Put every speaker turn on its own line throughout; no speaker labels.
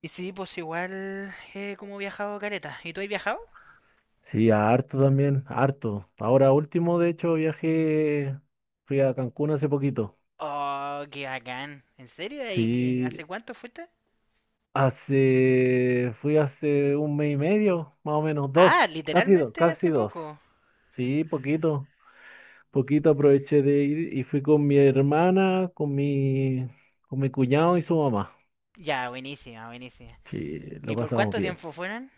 Y sí, pues igual como he viajado careta. ¿Y tú has viajado?
Sí, harto también, harto. Ahora último, de hecho, viajé, fui a Cancún hace poquito.
Oh, qué bacán. ¿En serio? ¿Y
Sí,
hace cuánto fuiste?
fui hace un mes y medio, más o menos, dos,
Ah,
casi dos,
literalmente
casi
hace
dos.
poco.
Sí, poquito, poquito aproveché de ir y fui con mi hermana, con mi cuñado y su mamá.
Ya, buenísima, buenísima.
Sí,
¿Y
lo
por
pasamos
cuánto
bien.
tiempo fueron?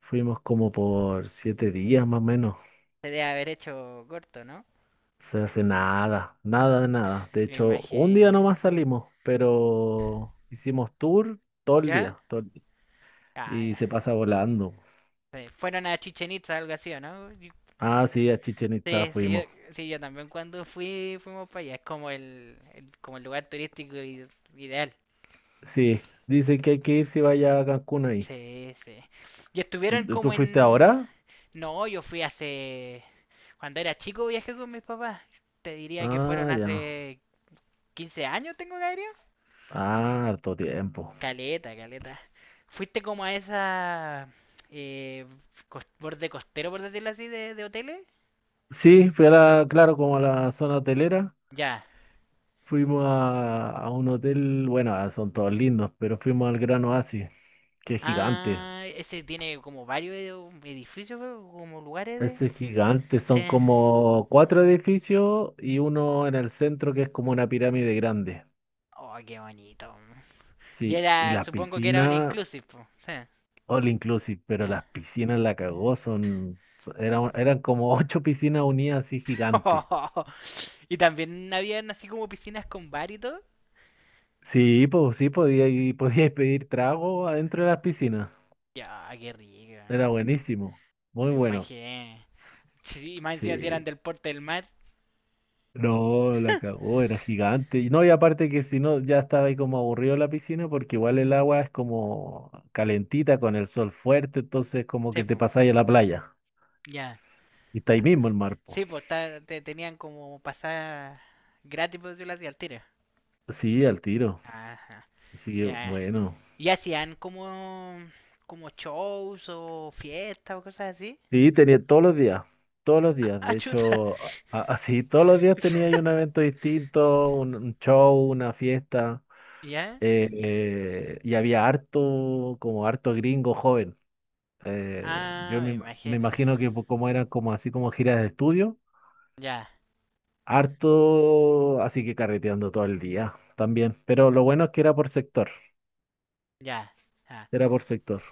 Fuimos como por 7 días más o menos.
Se debe haber hecho corto, ¿no?
Se hace nada, nada de nada. De
Me
hecho, un
imagino.
día nomás salimos, pero hicimos tour todo el
¿Ya?
día, todo el día.
Ah,
Y
ya.
se pasa volando.
Sí, fueron a Chichen Itza, algo así, ¿o no?
Ah, sí, a Chichen Itza
Sí, sí, yo,
fuimos.
sí, yo también cuando fui, fuimos para allá. Es como el lugar turístico ideal.
Sí, dicen que hay que ir si vaya a Cancún ahí.
Sí, sí. Y estuvieron
¿Tú
como
fuiste
en.
ahora?
No, yo fui hace. Cuando era chico viajé con mis papás. Te diría que fueron
Ah, ya.
hace 15 años, tengo que haber ido.
Ah, harto tiempo.
Caleta, caleta. Fuiste como a esa, eh, borde costero, por decirlo así, de hoteles.
Sí, fui a la, claro, como a la zona hotelera.
Ya.
Fuimos a un hotel, bueno, ah, son todos lindos, pero fuimos al Gran Oasis, que es gigante.
Ah, ese tiene como varios edificios, pero como lugares de.
Ese es gigante,
Sí.
son como cuatro edificios y uno en el centro que es como una pirámide grande.
Oh, qué bonito. Y
Sí, y
era,
las
supongo que era all
piscinas,
inclusive, po. Sí.
all inclusive, pero
Ya.
las piscinas la cagó, eran como ocho piscinas unidas así gigantes.
Y también habían así como piscinas con bar y todo.
Sí, pues sí, podía, y podía pedir trago adentro de las piscinas.
Ya, qué rica.
Era buenísimo, muy
Me
bueno.
imaginé. Sí, y más encima si eran
Sí.
del porte del mar.
No, la cagó, era gigante. Y no, y aparte que si no, ya estaba ahí como aburrido la piscina, porque igual el agua es como calentita con el sol fuerte, entonces como que
Sí,
te
po,
pasáis a la playa.
ya.
Y está ahí
Ah,
mismo el mar, po.
sí, pues te tenían como pasar gratis, por decirlo así, al tiro.
Sí, al tiro.
Ajá,
Así que
ya.
bueno.
¿Y hacían como, shows o fiestas o cosas así?
Sí, tenía todos los días, todos los
Ah,
días.
ah,
De
chuta.
hecho, así, todos los días tenía ahí un evento distinto, un show, una fiesta.
¿Ya?
Y había harto, como harto gringo joven. Yo
Ah, me
me
imagino.
imagino que como eran como así como giras de estudio,
Ya,
harto, así que carreteando todo el día también. Pero lo bueno es que era por sector,
ya. Ah.
era por sector.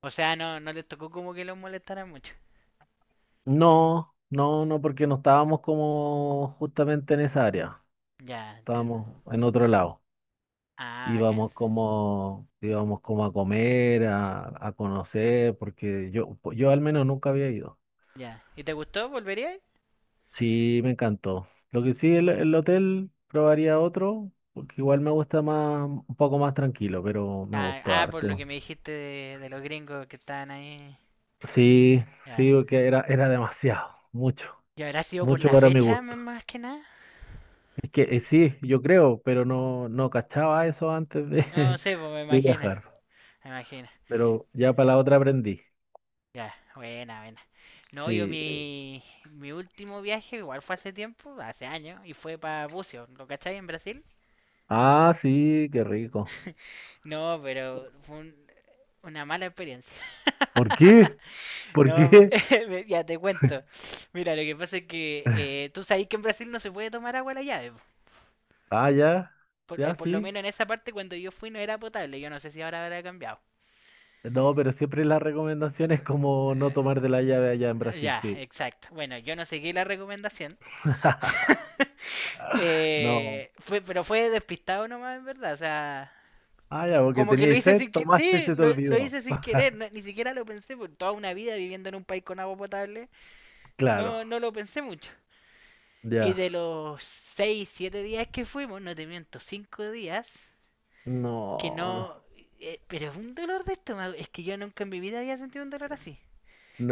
O sea, no, no les tocó como que los molestaran mucho.
No, no, no, porque no estábamos como justamente en esa área,
Ya, entiendo.
estábamos en otro lado.
Ah, bacán.
Íbamos como a comer, a conocer, porque yo, al menos nunca había ido.
Ya. ¿Y te gustó? ¿Volverías?
Sí, me encantó. Lo que sí, el hotel probaría otro, porque igual me gusta más, un poco más tranquilo, pero me
Ah,
gustó
ah, por lo que
harto.
me dijiste de los gringos que estaban ahí.
Sí,
Ya.
sí, porque era demasiado, mucho,
¿Y habrá sido por
mucho
la
para mi
fecha
gusto.
más que nada?
Es que sí, yo creo, pero no, no cachaba eso antes de,
No, no sé, pues me
de
imagino.
viajar.
Me imagino.
Pero ya para la otra aprendí.
Ya, buena, buena. No, yo
Sí.
mi último viaje igual fue hace tiempo, hace años, y fue para Bucio, ¿lo cacháis? En Brasil.
Ah, sí, qué rico.
No, pero fue una mala experiencia.
¿Por qué? ¿Por
No,
qué?
ya te cuento. Mira, lo que pasa es que tú sabes que en Brasil no se puede tomar agua a la llave.
Ah, ya,
Por, eh,
ya
por lo
sí.
menos en esa parte cuando yo fui no era potable. Yo no sé si ahora habrá cambiado.
No, pero siempre la recomendación es como no tomar de la llave allá en Brasil,
Ya,
sí.
exacto. Bueno, yo no seguí la recomendación.
No.
Pero fue despistado nomás, en verdad. O sea,
Ah, ya, porque
como que lo
teníais
hice
sed,
sin que.
tomaste y
Sí,
se te
lo
olvidó.
hice sin querer. no- ni siquiera lo pensé. Por toda una vida viviendo en un país con agua potable,
Claro,
no, no lo pensé mucho. Y
ya.
de los 6, 7 días que fuimos, no te miento, 5 días, que
No,
no, pero es un dolor de estómago. Es que yo nunca en mi vida había sentido un dolor así.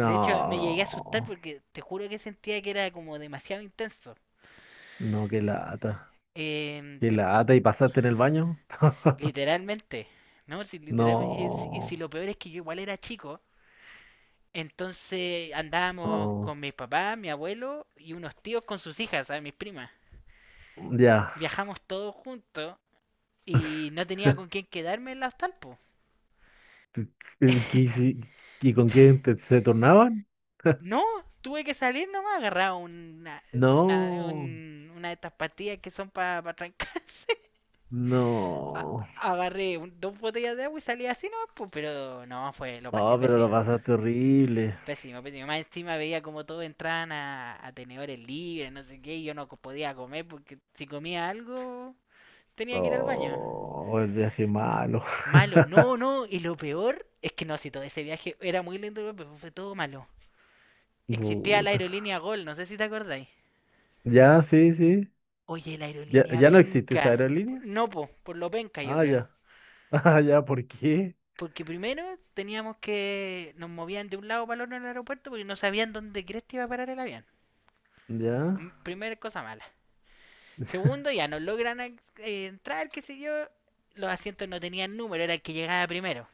De hecho, me llegué a asustar porque te juro que sentía que era como demasiado intenso.
no, qué lata.
Eh,
Qué
de-
lata y pasaste en el baño.
literalmente, ¿no? Si, literalmente, y si
No,
lo peor es que yo igual era chico, entonces andábamos con
no,
mi papá, mi abuelo y unos tíos con sus hijas, ¿sabes? Mis primas.
ya.
Viajamos todos juntos y no tenía con quién quedarme en la hostal, po.
¿Y, qué hici- y con quién se tornaban?
No, tuve que salir nomás, agarraba una, una,
No,
un- una de estas pastillas que son para trancar. a-
no.
agarré dos botellas de agua y salí así, no, pues, pero no, fue, lo pasé
Oh, pero lo
pésimo.
pasaste horrible.
Pésimo, pésimo. Más encima veía como todos entraban a tenedores libres, no sé qué, y yo no podía comer porque si comía algo tenía que ir al baño.
Oh, el viaje malo.
Malo, no, no, y lo peor es que no, si todo ese viaje era muy lindo, pero fue todo malo. Existía la
Puta.
aerolínea Gol, no sé si te acordáis.
Ya, sí, sí.
Oye, la
Ya,
aerolínea
ya no existe esa
penca.
aerolínea.
No, po, por lo penca yo
Ah,
creo.
ya. Ah, ya, ¿por qué?
Porque primero teníamos que nos movían de un lado para el otro en el aeropuerto porque no sabían dónde cresta iba a parar el avión.
Ya.
Primera cosa mala. Segundo, ya no logran entrar, qué sé yo. Los asientos no tenían número, era el que llegaba primero.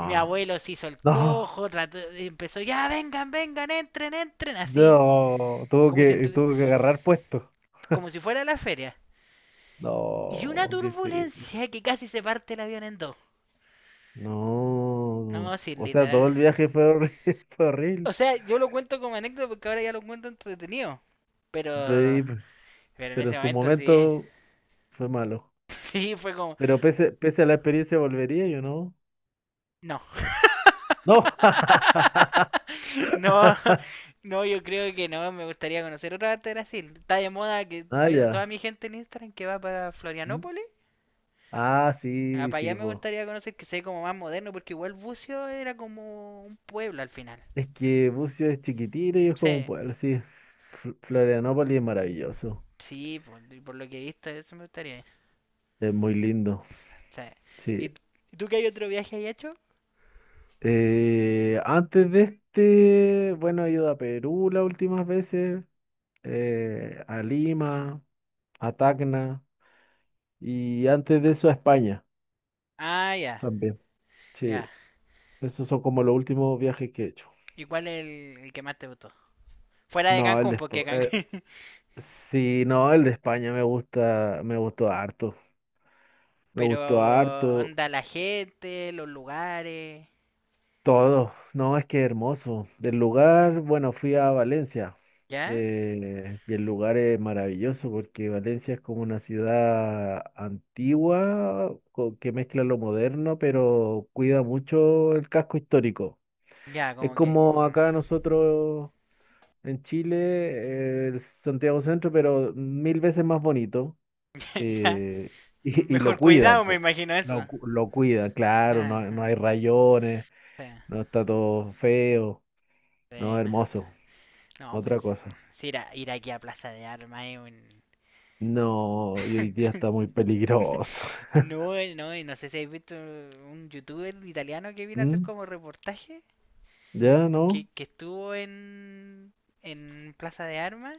Mi abuelo se hizo el
No.
cojo, empezó, ya vengan, vengan, entren, entren, así,
No. Tuvo
como si,
que, tuvo que agarrar puesto.
como si fuera la feria. Y una
No, qué feo.
turbulencia que casi se parte el avión en dos. No,
No.
sí,
O sea, todo
literal.
el viaje fue horrible. Fue
O
horrible.
sea, yo lo cuento como anécdota porque ahora ya lo cuento entretenido. Pero
Fue-
En
pero en
ese
su
momento sí,
momento fue malo.
sí fue como,
Pero pese a la experiencia, volvería yo, ¿no?
no.
No.
No, no, yo creo que no, me gustaría conocer otra parte de Brasil. Está de moda que
Ah,
veo toda
ya.
mi gente en Instagram que va para
¿Mm?
Florianópolis.
Ah,
Ah,
sí,
para allá
sí,
me
pues.
gustaría conocer que sea como más moderno, porque igual Bucio era como un pueblo al final.
Es que Bucio es chiquitito y es como un
Sí,
pueblo, sí. Florianópolis es maravilloso.
sí, por lo que he visto, eso me gustaría.
Es muy lindo,
Sí.
sí.
¿Y tú qué hay otro viaje ahí hecho?
Antes de este, bueno, he ido a Perú las últimas veces, a Lima, a Tacna y antes de eso a España
Ah, ya,
también. Sí,
ya.
esos son como los últimos viajes que he hecho.
¿Y cuál es el que más te gustó? Fuera de
No,
Cancún, porque Cancún.
Sí, no, el de España me gusta, me gustó harto. Me
Pero
gustó harto.
anda la gente, los lugares,
Todo, no, es que hermoso. Del lugar, bueno, fui a Valencia
¿ya?
y el lugar es maravilloso porque Valencia es como una ciudad antigua que mezcla lo moderno, pero cuida mucho el casco histórico.
Ya,
Es
como que.
como acá nosotros en Chile, el Santiago Centro, pero mil veces más bonito
ya,
eh, y lo
mejor
cuidan,
cuidado me
po.
imagino eso.
Lo cuidan, claro, no, no
Ajá,
hay rayones.
sí,
No está todo feo,
sí,
no
no.
hermoso,
No, pues
otra cosa.
si ir, ir aquí a Plaza de Armas es un.
No, y hoy día está muy peligroso.
No, no, no sé si habéis visto un youtuber italiano que vino a hacer
¿Mm?
como reportaje,
¿Ya no?
que estuvo en, Plaza de Armas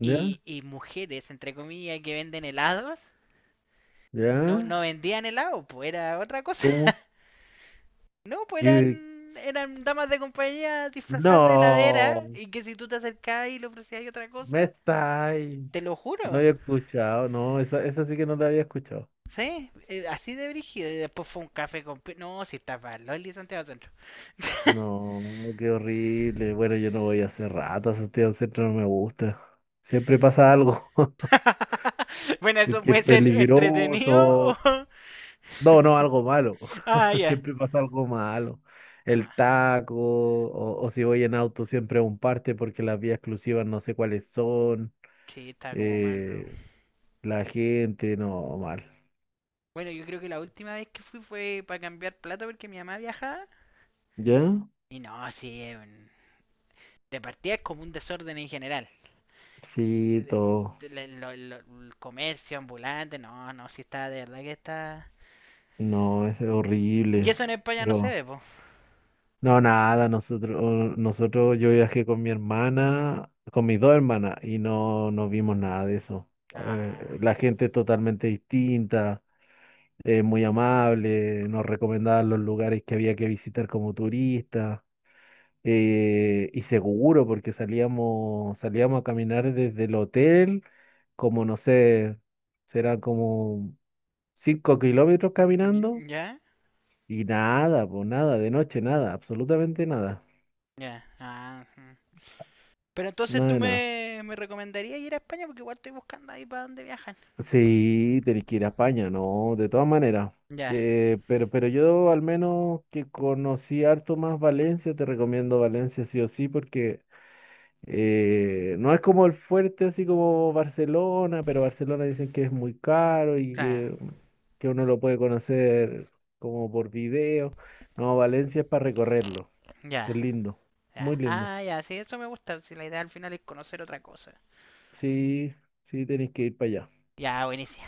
y,
¿Ya?
y mujeres, entre comillas, que venden helados. No, no
¿Ya?
vendían helado, pues era otra cosa.
¿Cómo?
No, pues
¿Qué?
eran damas de compañía disfrazadas de heladera
No,
y que si tú te acercabas y le ofrecías otra
me
cosa,
está ahí.
te lo
No
juro.
había escuchado, no, esa sí que no la había escuchado.
Sí, así de brígido. Y después fue un café con. No, si estaba Loli Santiago Centro.
No, qué horrible. Bueno, yo no voy hace rato a Santiago Centro, no me gusta. Siempre pasa algo.
bueno,
Y
eso
qué
puede ser entretenido
peligroso.
o.
No, no, algo malo.
ah, ya.
Siempre pasa algo malo. El
Ah,
taco, o si voy en auto, siempre a un parte porque las vías exclusivas no sé cuáles son.
sí, está como mano.
eh, la gente, no, mal.
Bueno, yo creo que la última vez que fui fue para cambiar plata porque mi mamá viajaba.
¿Ya?
Y no, sí, es de partida es como un desorden en general.
Sí,
Eh,
todo.
el comercio ambulante, no, no, si está, de verdad que está.
No, es
Y
horrible.
eso en España no se
Pero,
ve, po.
no, nada, yo viajé con mi hermana, con mis dos hermanas, y no, no vimos nada de eso.
Ah,
La gente es totalmente distinta. Muy amable, nos recomendaba los lugares que había que visitar como turista, y seguro porque salíamos a caminar desde el hotel, como no sé, serán como 5 kilómetros caminando,
¿ya?
y nada, pues nada, de noche nada, absolutamente nada,
Ya, ah, mm. Pero entonces
nada
tú
de nada.
me recomendarías ir a España porque igual estoy buscando ahí para dónde viajan.
Sí, tenés que ir a España, ¿no? De todas maneras.
Ya,
Pero yo al menos que conocí harto más Valencia, te recomiendo Valencia sí o sí, porque no es como el fuerte, así como Barcelona, pero Barcelona dicen que es muy caro y
claro,
que, uno lo puede conocer como por video. No, Valencia es para recorrerlo. Es
ya,
lindo,
ya.
muy lindo.
Ah, ya, sí, eso me gusta. Si la idea al final es conocer otra cosa.
Sí, sí, tenéis que ir para allá.
Ya, buenísimo.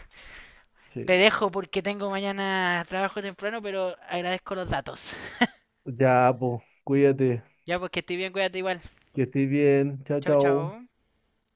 Te
Sí.
dejo porque tengo mañana trabajo temprano, pero agradezco los datos.
Ya, pues, cuídate,
Ya, pues que estoy bien, cuídate igual.
que estés bien. Chao,
Chao,
chao.
chao.